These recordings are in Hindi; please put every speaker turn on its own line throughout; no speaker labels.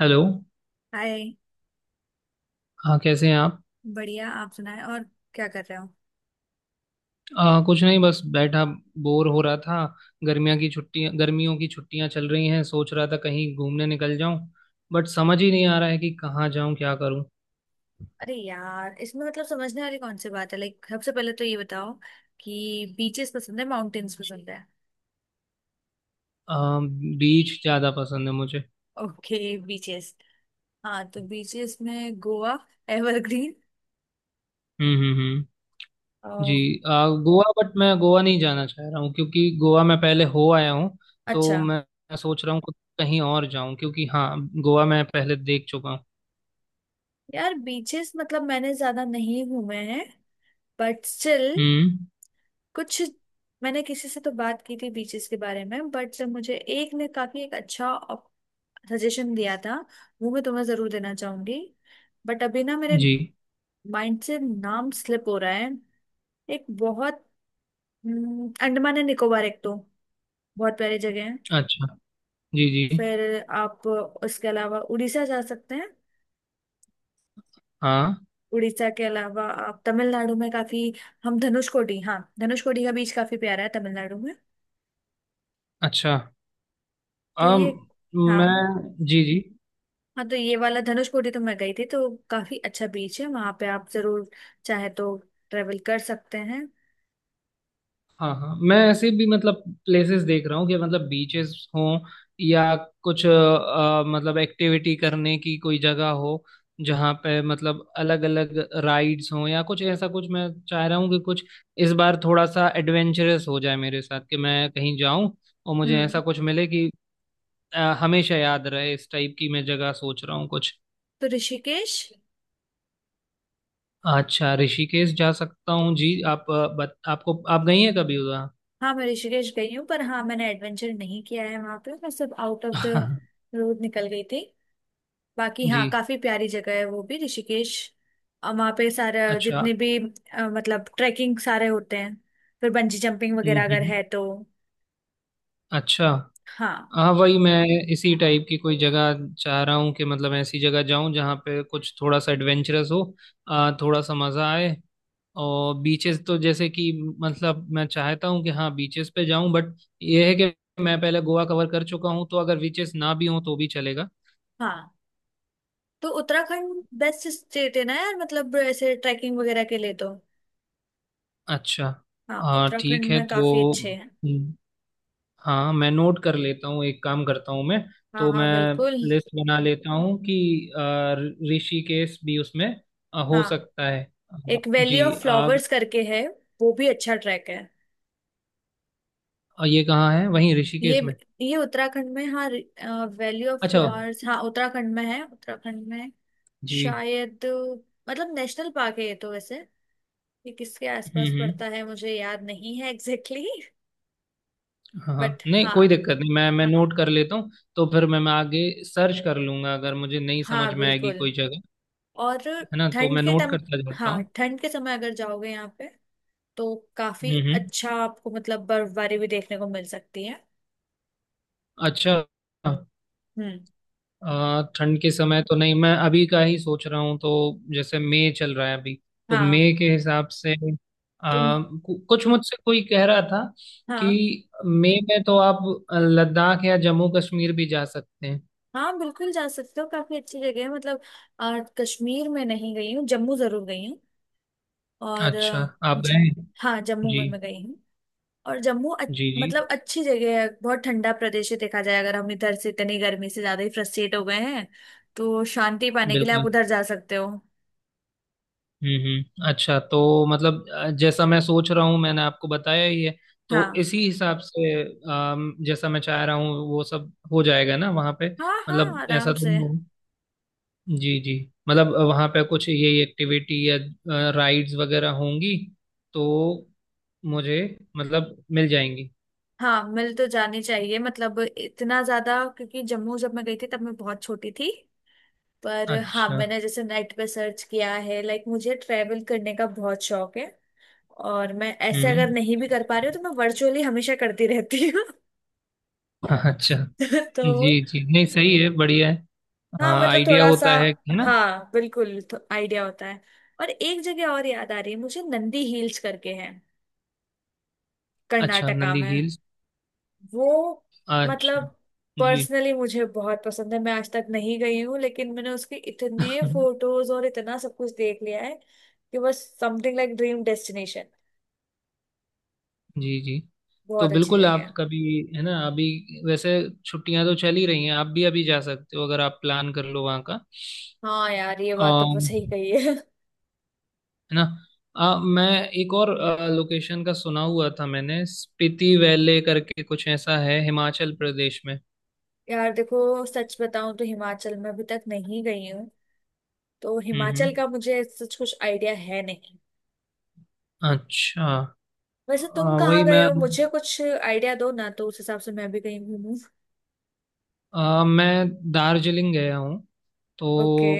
हेलो।
हाय।
हाँ, कैसे हैं आप?
बढ़िया, आप सुनाए और क्या कर रहे हो?
कुछ नहीं, बस बैठा बोर हो रहा था। गर्मियों की छुट्टियां चल रही हैं, सोच रहा था कहीं घूमने निकल जाऊं। बट समझ ही नहीं आ रहा है कि कहाँ जाऊं, क्या करूं।
अरे यार, इसमें मतलब समझने वाली कौन सी बात है। लाइक सबसे पहले तो ये बताओ कि बीचेस पसंद है, माउंटेन्स पसंद है?
आ, बीच ज़्यादा पसंद है मुझे।
Okay, beaches. हाँ, तो बीचेस में Goa evergreen.
Hmm, hmm, hmm. जी।
अम,
गोवा। बट मैं गोवा नहीं जाना चाह रहा हूँ क्योंकि गोवा मैं पहले हो आया हूँ। तो
अच्छा,
मैं सोच रहा हूँ कुछ कहीं और जाऊं, क्योंकि हाँ, गोवा मैं पहले देख चुका हूँ।
यार बीचेस मतलब मैंने ज्यादा नहीं घूमे हैं, बट स्टिल
हम्म।
कुछ। मैंने किसी से तो बात की थी बीचेस के बारे में, बट जब मुझे एक ने काफी एक अच्छा सजेशन दिया था, वो मैं तुम्हें जरूर देना चाहूंगी। बट अभी ना मेरे
जी।
माइंड से नाम स्लिप हो रहा है। एक बहुत अंडमान एंड निकोबार एक तो बहुत प्यारी जगह है।
अच्छा। जी, जी।
फिर आप उसके अलावा उड़ीसा जा सकते हैं।
हाँ।
उड़ीसा के अलावा आप तमिलनाडु में काफी हम धनुषकोडी, हाँ धनुषकोडी का बीच काफी प्यारा है तमिलनाडु में।
अच्छा।
तो
अम,
ये, हाँ,
मैं, जी, जी।
हाँ तो ये वाला धनुषकोडी तो मैं गई थी, तो काफी अच्छा बीच है वहां पे, आप जरूर चाहे तो ट्रेवल कर सकते हैं।
हाँ, हाँ, मैं ऐसे भी मतलब प्लेसेस देख रहा हूँ कि मतलब बीचेस हों, या कुछ मतलब एक्टिविटी करने की कोई जगह हो, जहाँ पे मतलब अलग अलग राइड्स हों या कुछ। ऐसा कुछ मैं चाह रहा हूँ कि कुछ इस बार थोड़ा सा एडवेंचरस हो जाए मेरे साथ, कि मैं कहीं जाऊं और मुझे
हम्म।
ऐसा कुछ मिले कि हमेशा याद रहे। इस टाइप की मैं जगह सोच रहा हूँ कुछ।
तो ऋषिकेश।
अच्छा, ऋषिकेश जा सकता हूँ। जी, आप आपको, आप गई हैं कभी उधर?
हाँ मैं ऋषिकेश गई हूँ, पर हाँ मैंने एडवेंचर नहीं किया है वहां पे, मैं सब आउट ऑफ द
हाँ।
रोड निकल गई थी। बाकी
जी।
हाँ, काफी प्यारी जगह है वो भी ऋषिकेश, और वहाँ पे सारा
अच्छा।
जितने भी मतलब ट्रैकिंग सारे होते हैं, फिर बंजी जंपिंग
हम्म,
वगैरह अगर
हम्म।
है तो।
अच्छा।
हाँ।
हाँ, वही मैं इसी टाइप की कोई जगह चाह रहा हूँ, कि मतलब ऐसी जगह जाऊँ जहाँ पे कुछ थोड़ा सा एडवेंचरस हो, थोड़ा सा मज़ा आए। और बीचेस तो जैसे कि, मतलब मैं चाहता हूँ कि हाँ बीचेस पे जाऊँ, बट ये है कि मैं पहले गोवा कवर कर चुका हूँ, तो अगर बीचेस ना भी हों तो भी चलेगा।
हाँ तो उत्तराखंड बेस्ट स्टेट है ना यार, मतलब ऐसे ट्रैकिंग वगैरह के लिए तो।
अच्छा।
हाँ
हाँ ठीक
उत्तराखंड
है,
में
तो
काफी अच्छे हैं।
हम्म। हाँ, मैं नोट कर लेता हूँ, एक काम करता हूँ मैं।
हाँ,
तो
हाँ
मैं
बिल्कुल।
लिस्ट बना लेता हूँ कि अ, ऋषिकेश भी उसमें हो
हाँ,
सकता है। अ,
एक वैली
जी,
ऑफ
आप
फ्लावर्स करके है, वो भी अच्छा ट्रैक है।
ये कहाँ है, वहीं
ये
ऋषिकेश में?
ये उत्तराखंड में हाँ। वैली ऑफ
अच्छा।
फ्लावर्स हाँ उत्तराखंड में है, उत्तराखंड में
जी।
शायद। मतलब नेशनल पार्क है ये तो वैसे। ये किसके
हम्म,
आसपास
हम्म।
पड़ता है मुझे याद नहीं है एग्जैक्टली exactly।
हाँ, हाँ,
बट
नहीं
हाँ।
कोई दिक्कत नहीं, मैं नोट कर लेता हूँ। तो फिर मैं आगे सर्च कर लूँगा अगर मुझे नहीं
हाँ
समझ में आएगी
बिल्कुल।
कोई जगह,
और
है ना। तो
ठंड
मैं
के
नोट
टम
करता जाता
हाँ,
हूँ।
ठंड के समय अगर जाओगे यहाँ पे तो काफी
हम्म, हम्म।
अच्छा, आपको मतलब बर्फबारी भी देखने को मिल सकती है।
अच्छा।
हम्म।
ठंड के समय तो नहीं, मैं अभी का ही सोच रहा हूँ, तो जैसे मई चल रहा है अभी, तो
हाँ
मई के हिसाब से
तुम,
आ, कुछ मुझसे कोई कह रहा था
हाँ
कि मई में तो आप लद्दाख या जम्मू कश्मीर भी जा सकते हैं।
हाँ बिल्कुल जा सकते हो, काफी अच्छी जगह है। मतलब कश्मीर में नहीं गई हूँ, जम्मू जरूर गई हूँ। और
अच्छा, आप
ज,
गए हैं?
हाँ जम्मू
जी,
में मैं गई हूँ। और जम्मू
जी, जी।
मतलब अच्छी जगह है, बहुत ठंडा प्रदेश है। देखा जाए अगर हम इधर से इतनी गर्मी से ज्यादा ही फ्रस्ट्रेट हो गए हैं, तो शांति पाने के लिए आप
बिल्कुल।
उधर जा सकते हो।
हम्म, हम्म। अच्छा, तो मतलब जैसा मैं सोच रहा हूँ मैंने आपको बताया ही है, तो
हाँ,
इसी हिसाब से जैसा मैं चाह रहा हूँ वो सब हो जाएगा ना वहाँ पे,
हाँ हाँ
मतलब ऐसा
आराम
तो
से।
नहीं हो। जी, जी। मतलब वहाँ पे कुछ यही एक्टिविटी या राइड्स वगैरह होंगी, तो मुझे मतलब मिल जाएंगी।
हाँ मिल तो जानी चाहिए, मतलब इतना ज्यादा क्योंकि जम्मू जब मैं गई थी तब मैं बहुत छोटी थी। पर हाँ
अच्छा।
मैंने जैसे नेट पे सर्च किया है, लाइक मुझे ट्रैवल करने का बहुत शौक है, और मैं ऐसे अगर
हम्म।
नहीं भी कर पा रही हूँ तो मैं वर्चुअली हमेशा करती रहती हूँ।
अच्छा।
तो
जी, जी, नहीं सही है, बढ़िया है।
हाँ,
हाँ,
मतलब
आइडिया
थोड़ा सा।
होता है ना।
हाँ बिल्कुल, तो आइडिया होता है। और एक जगह और याद आ रही है मुझे, नंदी हिल्स करके है
अच्छा,
कर्नाटका
नंदी
में।
हिल्स।
वो
अच्छा।
मतलब
जी,
पर्सनली मुझे बहुत पसंद है, मैं आज तक नहीं गई हूँ, लेकिन मैंने उसके इतने फोटोज और इतना सब कुछ देख लिया है कि बस समथिंग लाइक ड्रीम डेस्टिनेशन।
जी, जी। तो
बहुत अच्छी
बिल्कुल,
जगह
आप
है।
कभी, है ना, अभी वैसे छुट्टियां तो चल ही रही हैं, आप भी अभी जा सकते हो अगर आप प्लान कर लो वहाँ
हाँ यार ये
का,
बात तो बहुत सही कही है।
है ना। मैं एक और लोकेशन का सुना हुआ था, मैंने स्पीति वैले करके कुछ ऐसा है हिमाचल प्रदेश में।
यार देखो, सच बताऊं तो हिमाचल में अभी तक नहीं गई हूँ, तो
हम्म, हम्म।
हिमाचल का मुझे सच कुछ आइडिया है नहीं।
अच्छा।
वैसे तुम
आ,
कहाँ
वही
गए
मैं
हो, मुझे कुछ आइडिया दो ना, तो उस हिसाब से मैं भी कहीं घूमूं।
आ, मैं दार्जिलिंग गया हूँ तो।
ओके।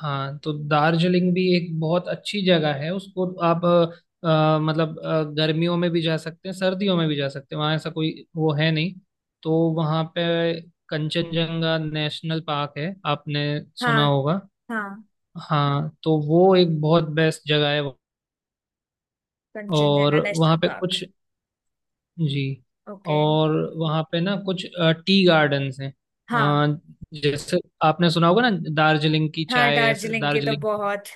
हाँ, तो दार्जिलिंग भी एक बहुत अच्छी जगह है, उसको आप मतलब गर्मियों में भी जा सकते हैं, सर्दियों में भी जा सकते हैं। वहाँ ऐसा कोई वो है नहीं। तो वहाँ पे कंचनजंगा नेशनल पार्क है, आपने सुना
हाँ।
होगा।
हाँ।
हाँ, तो वो एक बहुत बेस्ट जगह है। और
कंचनजंगा
वहाँ
नेशनल
पे
पार्क।
कुछ, जी,
ओके।
और वहाँ पे ना कुछ टी गार्डन्स हैं।
हाँ।
अ, जैसे आपने सुना होगा ना, दार्जिलिंग की
हाँ
चाय, ऐसे
दार्जिलिंग के तो
दार्जिलिंग,
बहुत।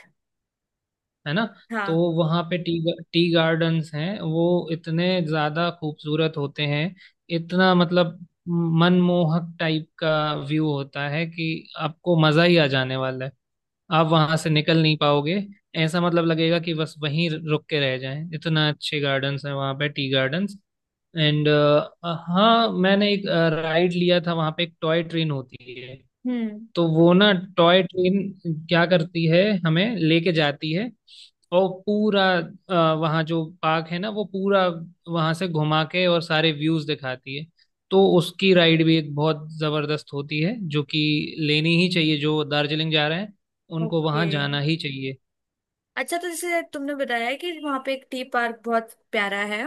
है ना। तो
हाँ।
वहाँ पे टी टी गार्डन्स हैं। वो इतने ज्यादा खूबसूरत होते हैं, इतना मतलब मनमोहक टाइप का व्यू होता है कि आपको मजा ही आ जाने वाला है, आप वहां से निकल नहीं पाओगे। ऐसा मतलब लगेगा कि बस वहीं रुक के रह जाएं, इतना अच्छे गार्डन्स हैं वहाँ पे टी गार्डन्स। एंड हाँ, मैंने एक राइड लिया था वहाँ पे, एक टॉय ट्रेन होती है।
हम्म।
तो वो ना टॉय ट्रेन क्या करती है, हमें लेके जाती है, और पूरा वहाँ जो पार्क है ना, वो पूरा वहाँ से घुमा के और सारे व्यूज दिखाती है। तो उसकी राइड भी एक बहुत जबरदस्त होती है, जो कि लेनी ही चाहिए। जो दार्जिलिंग जा रहे हैं, उनको
ओके।
वहाँ जाना ही चाहिए।
अच्छा तो जैसे तुमने बताया कि वहां पे एक टी पार्क बहुत प्यारा है,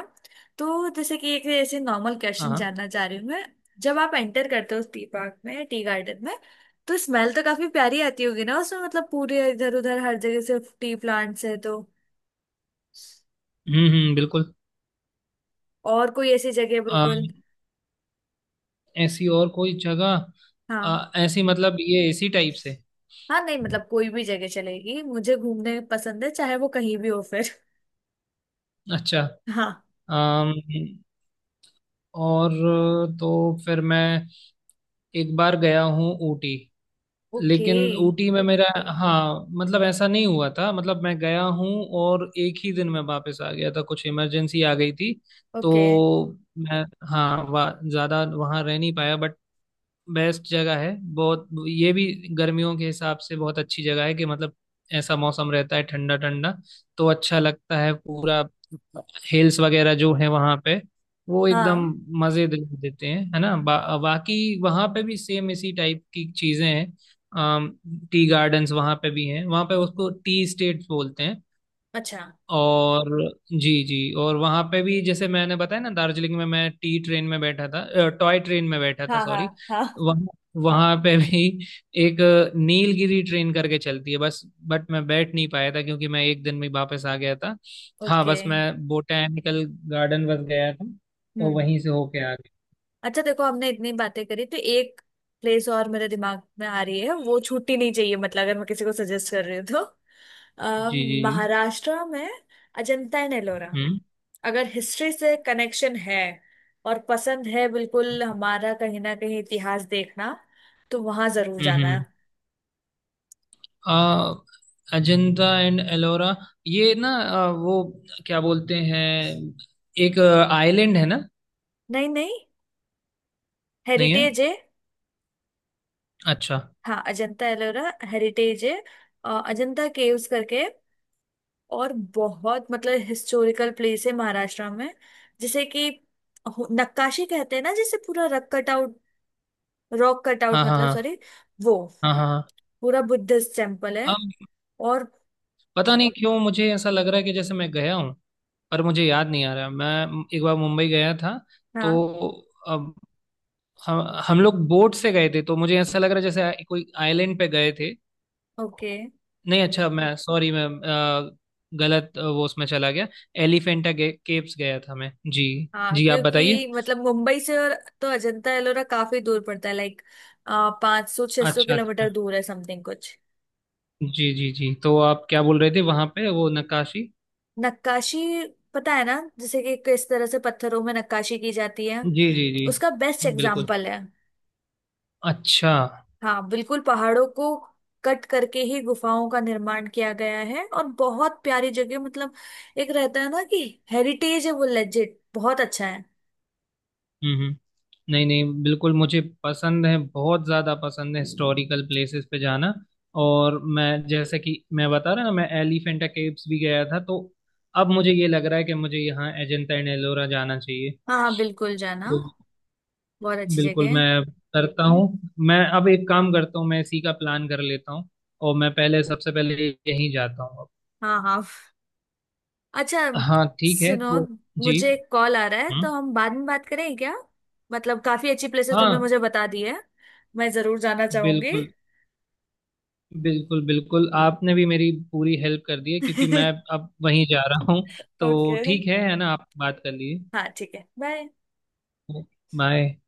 तो जैसे कि एक ऐसे नॉर्मल
हाँ,
क्वेश्चन
हाँ।
जानना चाह रही हूँ मैं। जब आप एंटर करते हो उस टी पार्क में, टी गार्डन में, तो स्मेल तो काफी प्यारी आती होगी ना उसमें, मतलब पूरे इधर उधर हर जगह सिर्फ टी प्लांट्स है तो।
हम्म, हम्म, बिल्कुल।
और कोई ऐसी जगह
आ,
बिल्कुल।
ऐसी और कोई जगह
हाँ,
ऐसी, मतलब ये इसी टाइप से।
हाँ नहीं मतलब कोई भी जगह चलेगी, मुझे घूमने पसंद है चाहे वो कहीं भी हो फिर।
अच्छा।
हाँ।
अम, और तो फिर मैं एक बार गया हूँ ऊटी,
ओके।
लेकिन ऊटी में मेरा, हाँ, मतलब ऐसा नहीं हुआ था। मतलब मैं गया हूँ और एक ही दिन में वापस आ गया था, कुछ इमरजेंसी आ गई थी। तो
ओके।
मैं, हाँ, ज्यादा वहाँ रह नहीं पाया, बट बेस्ट जगह है बहुत ये भी। गर्मियों के हिसाब से बहुत अच्छी जगह है, कि मतलब ऐसा मौसम रहता है, ठंडा ठंडा, तो अच्छा लगता है, पूरा। हिल्स वगैरह जो है वहाँ पे, वो एकदम
हाँ।
मजे दे देते हैं, है ना। बाकी वहाँ पे भी सेम इसी टाइप की चीजें हैं, टी गार्डन्स वहाँ पे भी हैं, वहाँ पे उसको टी स्टेट्स बोलते हैं।
अच्छा।
और जी, जी। और वहाँ पे भी, जैसे मैंने बताया ना, दार्जिलिंग में मैं टी ट्रेन में बैठा था, टॉय ट्रेन में बैठा था,
हाँ,
सॉरी।
हाँ, हाँ।
वहाँ वहाँ पे भी एक नीलगिरी ट्रेन करके चलती है, बस। बट मैं बैठ नहीं पाया था क्योंकि मैं एक दिन में वापस आ गया था। हाँ,
ओके।
बस मैं बोटैनिकल गार्डन बस गया था, और
हम्म।
वहीं से होके आ गया।
अच्छा देखो, हमने इतनी बातें करी तो एक प्लेस और मेरे दिमाग में आ रही है, वो छुट्टी नहीं चाहिए मतलब, अगर मैं किसी को सजेस्ट कर रही हूँ तो अ,
जी, जी, जी।
महाराष्ट्र में अजंता एंड एलोरा।
हम्म,
अगर हिस्ट्री से कनेक्शन है और पसंद है बिल्कुल, हमारा कहीं ना कहीं इतिहास देखना, तो वहां जरूर
हम्म,
जाना है।
हम्म। आ, अजंता एंड एलोरा, ये ना, वो क्या बोलते हैं, एक आइलैंड है ना?
नहीं नहीं,
नहीं है?
हेरिटेज है।
अच्छा।
हाँ अजंता एलोरा हेरिटेज है। अजंता केव्स करके, और बहुत मतलब हिस्टोरिकल प्लेस है महाराष्ट्र में, जिसे कि नक्काशी कहते हैं ना जिसे, पूरा rock cut out rock cut out
हाँ, हाँ,
मतलब,
हाँ।
सॉरी। वो
हाँ, हाँ, हाँ।
पूरा बुद्धिस्ट टेम्पल है,
अब
और
पता नहीं क्यों मुझे ऐसा लग रहा है कि जैसे मैं गया हूँ, पर मुझे याद नहीं आ रहा। मैं एक बार मुंबई गया था तो,
हाँ।
अब हम हम लोग बोट से गए थे, तो मुझे ऐसा लग रहा है जैसे कोई आइलैंड पे गए थे।
ओके।
नहीं, अच्छा, मैं सॉरी, मैं गलत वो उसमें चला गया। एलिफेंटा केव्स गया था मैं, जी।
हाँ
जी, आप बताइए।
क्योंकि मतलब मुंबई से, और तो अजंता एलोरा काफी दूर पड़ता है लाइक, पाँच सौ छह सौ
अच्छा, अच्छा।
किलोमीटर दूर है समथिंग कुछ।
जी, जी, जी। तो आप क्या बोल रहे थे, वहां पे वो नक्काशी।
नक्काशी, पता है ना जैसे कि किस तरह से पत्थरों में नक्काशी की जाती है,
जी, जी, जी।
उसका बेस्ट
हाँ, बिल्कुल।
एग्जाम्पल है।
अच्छा।
हाँ बिल्कुल, पहाड़ों को कट करके ही गुफाओं का निर्माण किया गया है, और बहुत प्यारी जगह मतलब। एक रहता है ना कि हेरिटेज है, वो लेजिट बहुत अच्छा है।
हम्म, नहीं, नहीं, बिल्कुल, मुझे पसंद है, बहुत ज़्यादा पसंद है हिस्टोरिकल प्लेसेस पे जाना। और मैं जैसे कि, मैं बता रहा ना, मैं एलिफेंटा केव्स भी गया था, तो अब मुझे ये लग रहा है कि मुझे यहाँ अजंता एंड एलोरा जाना चाहिए।
हाँ हाँ बिल्कुल जाना,
तो
बहुत अच्छी जगह
बिल्कुल,
है।
मैं करता हूँ। मैं अब एक काम करता हूँ, मैं इसी का प्लान कर लेता हूँ, और मैं पहले, सबसे पहले यहीं जाता हूँ अब।
हाँ हाँ। अच्छा
हाँ ठीक है,
सुनो,
तो जी।
मुझे एक कॉल आ रहा है
हम्म।
तो हम बाद में बात करें क्या? मतलब काफी अच्छी प्लेसेस
हाँ,
तुमने मुझे बता दी है, मैं जरूर जाना चाहूंगी।
बिल्कुल, बिल्कुल, बिल्कुल। आपने भी मेरी पूरी हेल्प कर दी है क्योंकि मैं अब वहीं जा रहा हूँ। तो
ओके।
ठीक है ना, आप बात कर लिए।
हाँ ठीक है, बाय।
बाय।